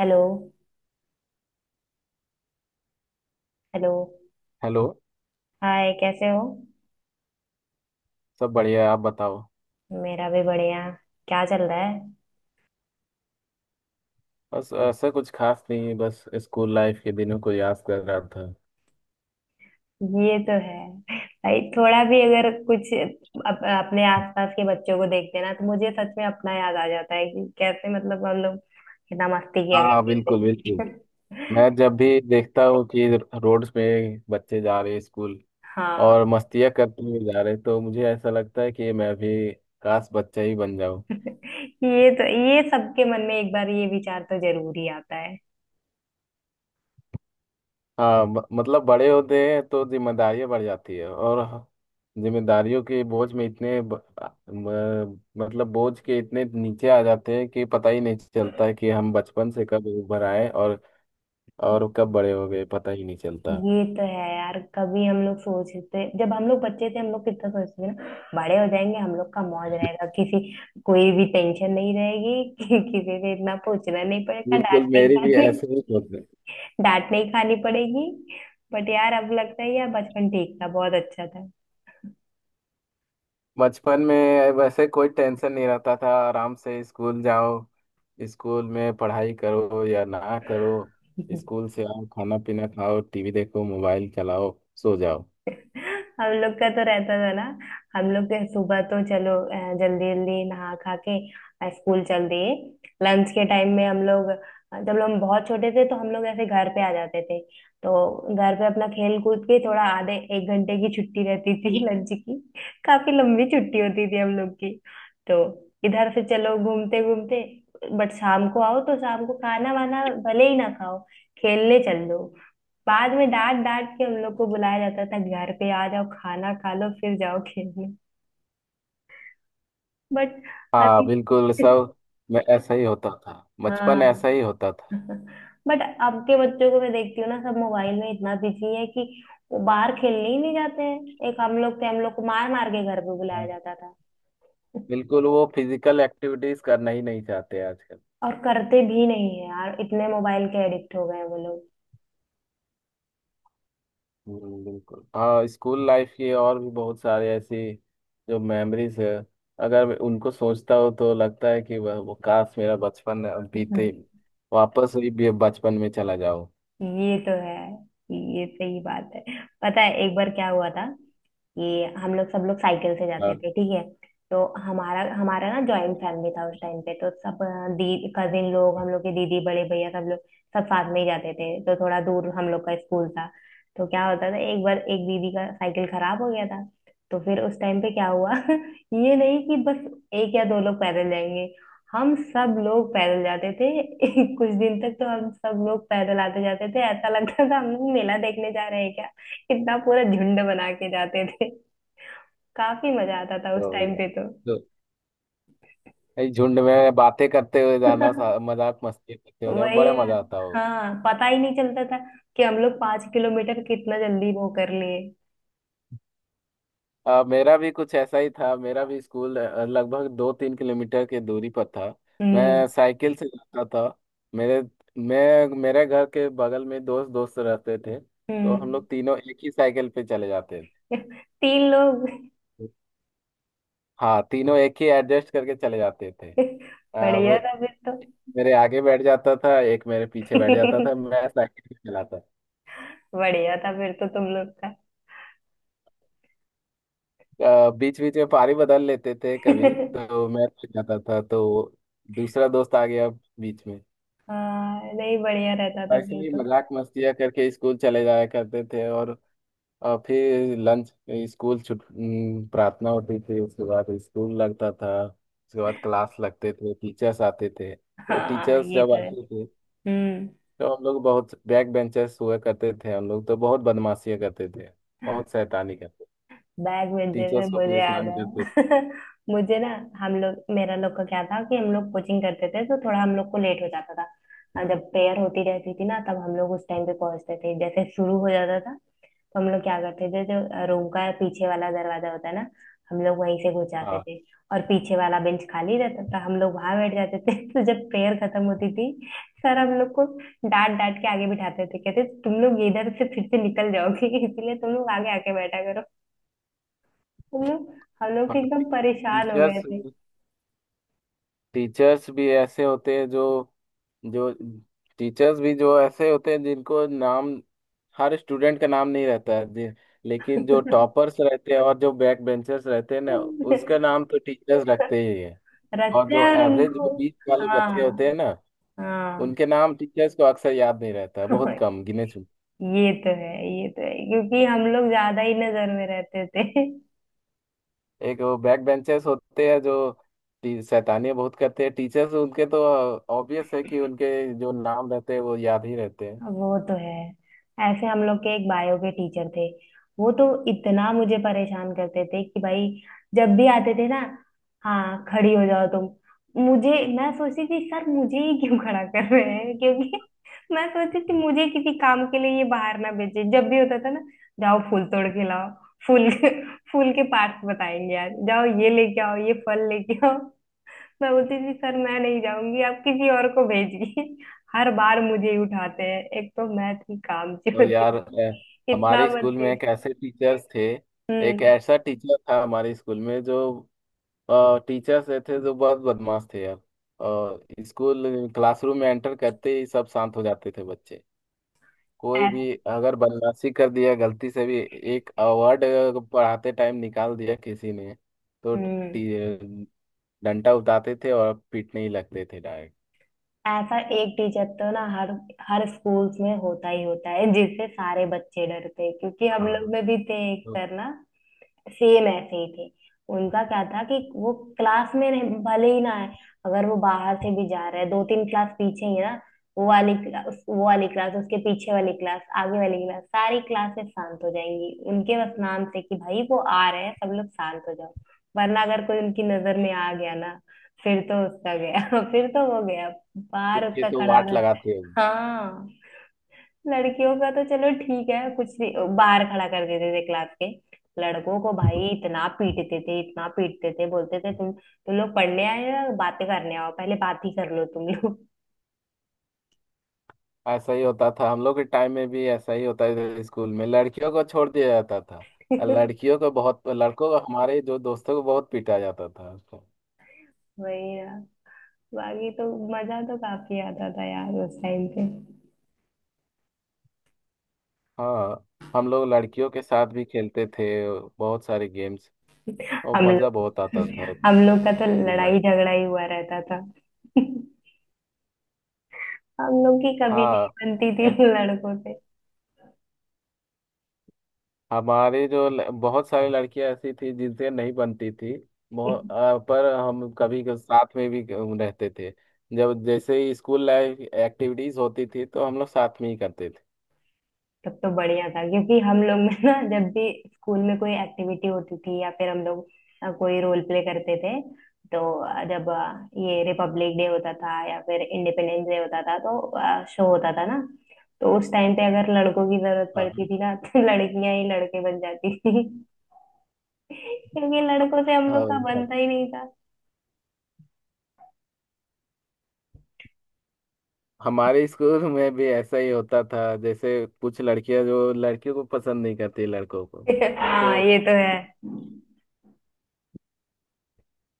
Hello. Hello. Hello. Hi, कैसे हो? सब बढ़िया है, आप बताओ। मेरा भी बढ़िया। क्या चल रहा है? बस ऐसा कुछ खास नहीं, बस स्कूल लाइफ के दिनों को याद कर रहा था। ये तो है भाई। थोड़ा भी अगर कुछ अपने आसपास के बच्चों को देखते हैं ना, तो मुझे सच में अपना याद आ जाता है कि कैसे मतलब हम लोग कितना मस्ती किया हाँ, करते बिल्कुल बिल्कुल थे। मैं जब भी देखता हूँ कि रोड्स पे बच्चे जा रहे हैं स्कूल, हाँ, और मस्तियाँ करते हुए जा रहे हैं, तो मुझे ऐसा लगता है कि मैं भी काश बच्चा ही बन जाऊँ। ये तो ये सबके मन में एक बार ये विचार तो जरूर ही आता हाँ, मतलब बड़े होते हैं तो जिम्मेदारियां बढ़ जाती है, और जिम्मेदारियों के बोझ में म, मतलब बोझ के इतने नीचे आ जाते हैं कि पता ही नहीं चलता है कि हम बचपन से कब उभर आए, और कब है। बड़े हो गए पता ही नहीं चलता। ये तो है यार। कभी हम लोग सोचते, जब हम लोग बच्चे थे हम लोग कितना सोचते थे ना, बड़े हो जाएंगे हम लोग का मौज रहेगा, किसी कोई भी टेंशन नहीं रहेगी कि, किसी से इतना पूछना नहीं पड़ेगा, डांट बिल्कुल, नहीं मेरी भी खानी। ऐसे ही होता है। डांट नहीं खानी पड़ेगी। बट यार, अब लगता है यार बचपन ठीक था, बहुत अच्छा था। बचपन में वैसे कोई टेंशन नहीं रहता था, आराम से स्कूल जाओ, स्कूल में पढ़ाई करो या ना करो, स्कूल से आओ, खाना पीना खाओ, टीवी देखो, मोबाइल चलाओ, सो जाओ। हम लोग का तो रहता था ना। हम लोग के सुबह तो चलो, जल्दी जल्दी नहा खा के स्कूल चल दिए। लंच के टाइम में हम लोग जब हम बहुत छोटे थे तो हम लोग ऐसे घर पे आ जाते थे। तो घर पे अपना खेल कूद के थोड़ा आधे एक घंटे की छुट्टी रहती थी लंच की। काफी लंबी छुट्टी होती थी हम लोग की। तो इधर से चलो, घूमते घूमते। बट शाम को आओ तो शाम को खाना वाना भले ही ना खाओ, खेलने चल दो। बाद में डांट डांट के हम लोग को बुलाया जाता था। घर पे आ जाओ, खाना खा लो फिर जाओ खेलने। बट हाँ, अभी बिल्कुल सब। मैं ऐसा ही होता था, बचपन हाँ। ऐसा ही होता था। बट अब के बच्चों को मैं देखती हूँ ना, सब मोबाइल में इतना बिजी है कि वो बाहर खेलने ही नहीं जाते हैं। एक हम लोग थे, हम लोग को मार मार के घर पे बुलाया हाँ, जाता था। बिल्कुल वो फिजिकल एक्टिविटीज करना ही नहीं चाहते आजकल। और करते भी नहीं है यार, इतने मोबाइल के एडिक्ट हो गए हैं वो लोग। बिल्कुल। हाँ, स्कूल लाइफ की और भी बहुत सारे ऐसी जो मेमोरीज है, अगर मैं उनको सोचता हूँ तो लगता है कि वह वो काश मेरा बचपन बीते, वापस वही बचपन में चला जाओ। ये तो है, ये सही बात है। पता है एक बार क्या हुआ था कि हम लोग सब लोग साइकिल से हाँ। जाते थे, ठीक है? तो हमारा हमारा ना जॉइंट फैमिली था उस टाइम पे, तो सब दी कजिन लोग, हम लोग के दीदी, बड़े भैया, सब लोग सब साथ में ही जाते थे। तो थोड़ा दूर हम लोग का स्कूल था। तो क्या होता था, एक बार एक दीदी का साइकिल खराब हो गया था। तो फिर उस टाइम पे क्या हुआ ये नहीं कि बस एक या दो लोग पैदल जाएंगे, हम सब लोग पैदल जाते थे। कुछ दिन तक तो हम सब लोग पैदल आते जाते थे, ऐसा लगता था हम लोग मेला देखने जा रहे हैं। कितना पूरा झुंड बना के जाते थे। काफी मजा आता था उस तो टाइम ये- पे तो। तो ये झुंड में बातें करते हुए जाना, मजाक मस्ती करते हुए जाना, वही बड़ा है, मजा आता हो। हाँ। पता ही नहीं चलता था कि हम लोग 5 किलोमीटर कितना जल्दी वो कर लिए। मेरा भी कुछ ऐसा ही था। मेरा भी स्कूल लगभग 2 3 किलोमीटर की दूरी पर था। हम्म। मैं साइकिल से जाता था। मेरे मैं मेरे घर के बगल में दोस्त दोस्त रहते थे, तो हम हम्म। लोग तीनों एक ही साइकिल पे चले जाते थे। तीन लोग। हाँ, तीनों एक ही एडजस्ट करके चले जाते थे। वो बढ़िया था फिर तो। मेरे आगे बैठ जाता था, एक मेरे पीछे बैठ जाता था, मैं साइकिल पे चलाता बढ़िया था फिर तो तुम लोग का। था। बीच बीच में पारी बदल लेते थे, कभी तो मैं चल जाता था तो दूसरा दोस्त आ गया बीच में। हाँ नहीं, बढ़िया रहता था ऐसे फिर ही तो। मजाक मस्तियाँ करके स्कूल चले जाया करते थे, और फिर लंच, स्कूल छुट। प्रार्थना होती थी, उसके बाद स्कूल लगता था, उसके बाद क्लास लगते थे, टीचर्स आते थे, तो हाँ टीचर्स ये जब तो है। आते थे हम्म। तो हम लोग बहुत बैक बेंचर्स हुआ करते थे। हम लोग तो बहुत बदमाशियाँ करते थे, बहुत शैतानी करते, बैग भेजे से टीचर्स को मुझे याद परेशान करते थे। है। मुझे ना, हम लोग मेरा लोग का क्या था कि हम लोग कोचिंग करते थे, तो थोड़ा हम लोग को लेट हो जाता था। और जब प्रेयर होती रहती थी ना, तब हम लोग उस टाइम पे पहुंचते थे, जैसे शुरू हो जाता था तो हम लोग क्या करते थे, जो रूम का पीछे वाला दरवाजा होता है ना, हम लोग वहीं से घुस जाते हाँ। थे। और पीछे वाला बेंच खाली रहता था, हम लोग वहां बैठ जाते थे। तो जब प्रेयर खत्म होती थी, सर हम लोग को डांट डांट के आगे बिठाते थे, कहते तुम लोग इधर से फिर से निकल जाओगे इसलिए तुम लोग आगे आके बैठा। हम लोग हम लोग हाँ एकदम परेशान हो गए टीचर्स थे। टीचर्स भी ऐसे होते हैं जो जो टीचर्स भी जो ऐसे होते हैं जिनको नाम, हर स्टूडेंट का नाम नहीं रहता है जी, लेकिन जो टॉपर्स रहते हैं और जो बैक बेंचर्स रहते हैं ना, उसका नाम तो टीचर्स रखते ही है। और रखते जो हैं और एवरेज जो उनको। बीच वाले हाँ। बच्चे होते हैं ना, हाँ। उनके नाम टीचर्स को अक्सर याद नहीं रहता है, बहुत कम गिने चुने। ये तो है। ये तो है क्योंकि हम लोग ज्यादा ही नजर में रहते थे। एक वो बैक बेंचर्स होते हैं जो, शैतानियां बहुत करते हैं, टीचर्स उनके तो ऑब्वियस है कि उनके जो नाम रहते हैं वो याद ही रहते हैं। वो तो है। ऐसे हम लोग के एक बायो के टीचर थे, वो तो इतना मुझे परेशान करते थे कि भाई, जब भी आते थे ना, हाँ खड़ी हो जाओ तुम। मुझे, मैं सोचती थी सर मुझे ही क्यों खड़ा कर रहे हैं, क्योंकि मैं सोचती थी मुझे किसी काम के लिए ये बाहर ना भेजे, जब भी होता था ना, जाओ फूल तोड़ के लाओ, फूल, फूल के पार्ट्स बताएंगे आज, जाओ ये लेके आओ, ये फल लेके आओ। मैं बोलती थी सर मैं नहीं जाऊंगी, आप किसी और को भेजिए। हर बार मुझे ही उठाते हैं, एक तो मैं थी काम होती तो थी। यार, इतना हमारे अरे मत स्कूल में भेज। एक ऐसे टीचर्स थे, एक हम्म। ऐसा टीचर था हमारे स्कूल में, जो टीचर्स थे जो बहुत बदमाश थे यार। और स्कूल क्लासरूम में एंटर करते ही सब शांत हो जाते थे बच्चे। कोई ऐस- भी अगर बदमाशी कर दिया गलती से भी, एक वर्ड पढ़ाते टाइम निकाल दिया किसी ने, तो हम्म, टी- डंडा उठाते थे और पीटने ही लगते थे डायरेक्ट। ऐसा एक टीचर तो ना हर हर स्कूल्स में होता ही होता है, जिससे सारे बच्चे डरते हैं। क्योंकि हम हाँ। लोग में भी थे एक तो सर ना, सेम ऐसे ही थे। उनका क्या था कि वो क्लास में रहे भले ही ना आए, अगर वो बाहर से भी जा रहा है दो तीन क्लास पीछे ही है ना, वो वाली क्लास उसके पीछे वाली क्लास, आगे वाली क्लास, सारी क्लासेस शांत हो जाएंगी उनके बस नाम से, कि भाई वो आ रहे हैं सब लोग शांत हो जाओ। वरना अगर कोई उनकी नजर में आ गया ना, फिर तो उसका गया। फिर तो वो गया, बाहर खुद के उसका तो खड़ा वाट होना। लगाते हैं। हाँ। लड़कियों का तो चलो ठीक है, कुछ नहीं बाहर खड़ा कर देते थे क्लास के। लड़कों को भाई इतना पीटते थे, इतना पीटते थे, बोलते थे तुम लोग पढ़ने आए हो या बातें करने आओ पहले बात ही कर लो तुम लोग। ऐसा ही होता था, हम लोग के टाइम में भी ऐसा ही होता था, स्कूल में लड़कियों को छोड़ दिया जाता था, और लड़कियों को बहुत, लड़कों को, हमारे जो दोस्तों को बहुत पीटा जाता था। वही ना। बाकी तो मजा तो काफी आता था यार उस टाइम पे। हाँ। हम लोग लड़कियों के साथ भी खेलते थे, बहुत सारे गेम्स, और हम मज़ा बहुत लोग आता था। हम लोग का तो स्कूल लड़ाई लाइफ। झगड़ा ही हुआ रहता था। हम लोग की कभी नहीं हाँ। बनती थी ऐ- लड़कों से। हमारे जो बहुत सारी लड़कियां ऐसी थी जिनसे नहीं बनती थी, बहुत। पर हम कभी साथ में भी रहते थे, जब जैसे ही स्कूल लाइफ एक्टिविटीज होती थी तो हम लोग साथ में ही करते थे। तब तो बढ़िया था क्योंकि हम लोग में ना, जब भी स्कूल में कोई एक्टिविटी होती थी या फिर हम लोग कोई रोल प्ले करते थे, तो जब ये रिपब्लिक डे होता था या फिर इंडिपेंडेंस डे होता था तो शो होता था ना, तो उस टाइम पे अगर लड़कों की जरूरत पड़ती हाँ। थी ना तो लड़कियां ही लड़के बन जाती थी। क्योंकि लड़कों से हम लोग हाँ का भाई। बनता ही नहीं था। हमारे स्कूल में भी ऐसा ही होता था, जैसे कुछ लड़कियां जो लड़कियों को पसंद नहीं करती लड़कों को, हाँ तो ये तो है।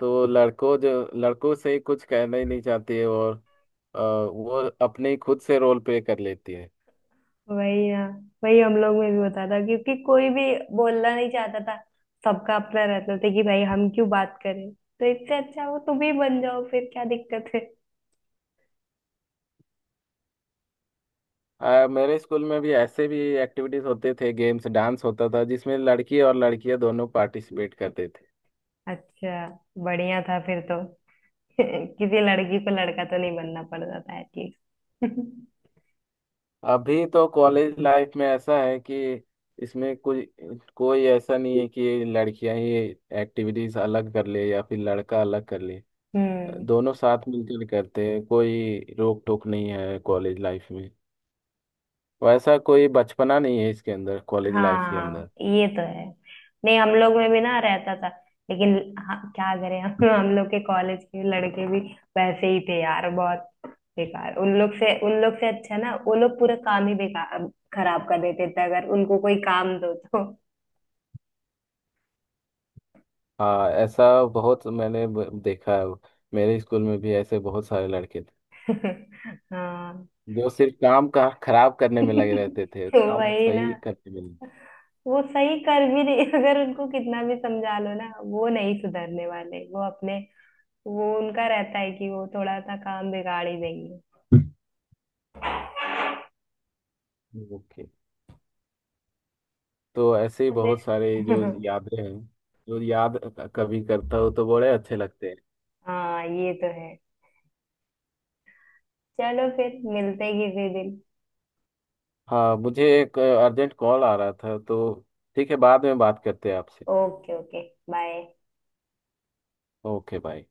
तो लड़कों, जो लड़कों से कुछ कहना ही नहीं चाहती है, और वो अपने ही खुद से रोल प्ले कर लेती है। वही ना, वही हम लोग में भी होता था, क्योंकि कोई भी बोलना नहीं चाहता था। सबका अपना रहता था कि भाई हम क्यों बात करें, तो इससे अच्छा वो तुम ही बन जाओ, फिर क्या दिक्कत है? मेरे स्कूल में भी ऐसे भी एक्टिविटीज होते थे, गेम्स, डांस होता था, जिसमें लड़की और लड़कियां दोनों पार्टिसिपेट करते थे। अच्छा, बढ़िया था फिर तो। किसी लड़की को लड़का तो नहीं बनना पड़ता था एटलीस्ट। अभी तो कॉलेज लाइफ में ऐसा है कि इसमें कोई कोई ऐसा नहीं है कि लड़कियां ही एक्टिविटीज अलग कर ले, या फिर लड़का अलग कर ले, हम्म। दोनों साथ मिलकर करते हैं, कोई रोक टोक नहीं है कॉलेज लाइफ में। वैसा कोई बचपना नहीं है इसके अंदर, कॉलेज लाइफ के हाँ अंदर। ये तो है। नहीं हम लोग में भी ना रहता था, लेकिन हाँ, क्या करें हम। हम लोग के कॉलेज के लड़के भी वैसे ही थे यार, बहुत बेकार। उन लोग से, उन लोग से अच्छा ना, वो लोग पूरा काम ही बेकार खराब कर देते थे अगर उनको कोई काम दो तो। हाँ, ऐसा बहुत मैंने देखा है। मेरे स्कूल में भी ऐसे बहुत सारे लड़के थे हाँ। जो सिर्फ काम का खराब करने में लगे रहते थे, तो काम वही ना, सही करने में वो सही कर भी नहीं, अगर उनको कितना भी समझा लो ना वो नहीं सुधरने वाले, वो अपने वो उनका रहता है कि वो थोड़ा सा काम बिगाड़ ही देंगे। नहीं। ओके। तो ऐसे ही बहुत सारे फिर जो यादें हैं, जो याद कभी करता हो तो बड़े अच्छे लगते हैं। हाँ ये तो है। चलो फिर मिलते हैं किसी दिन। हाँ, मुझे एक अर्जेंट कॉल आ रहा था तो, ठीक है बाद में बात करते हैं आपसे। Okay okay, bye. Okay, bye.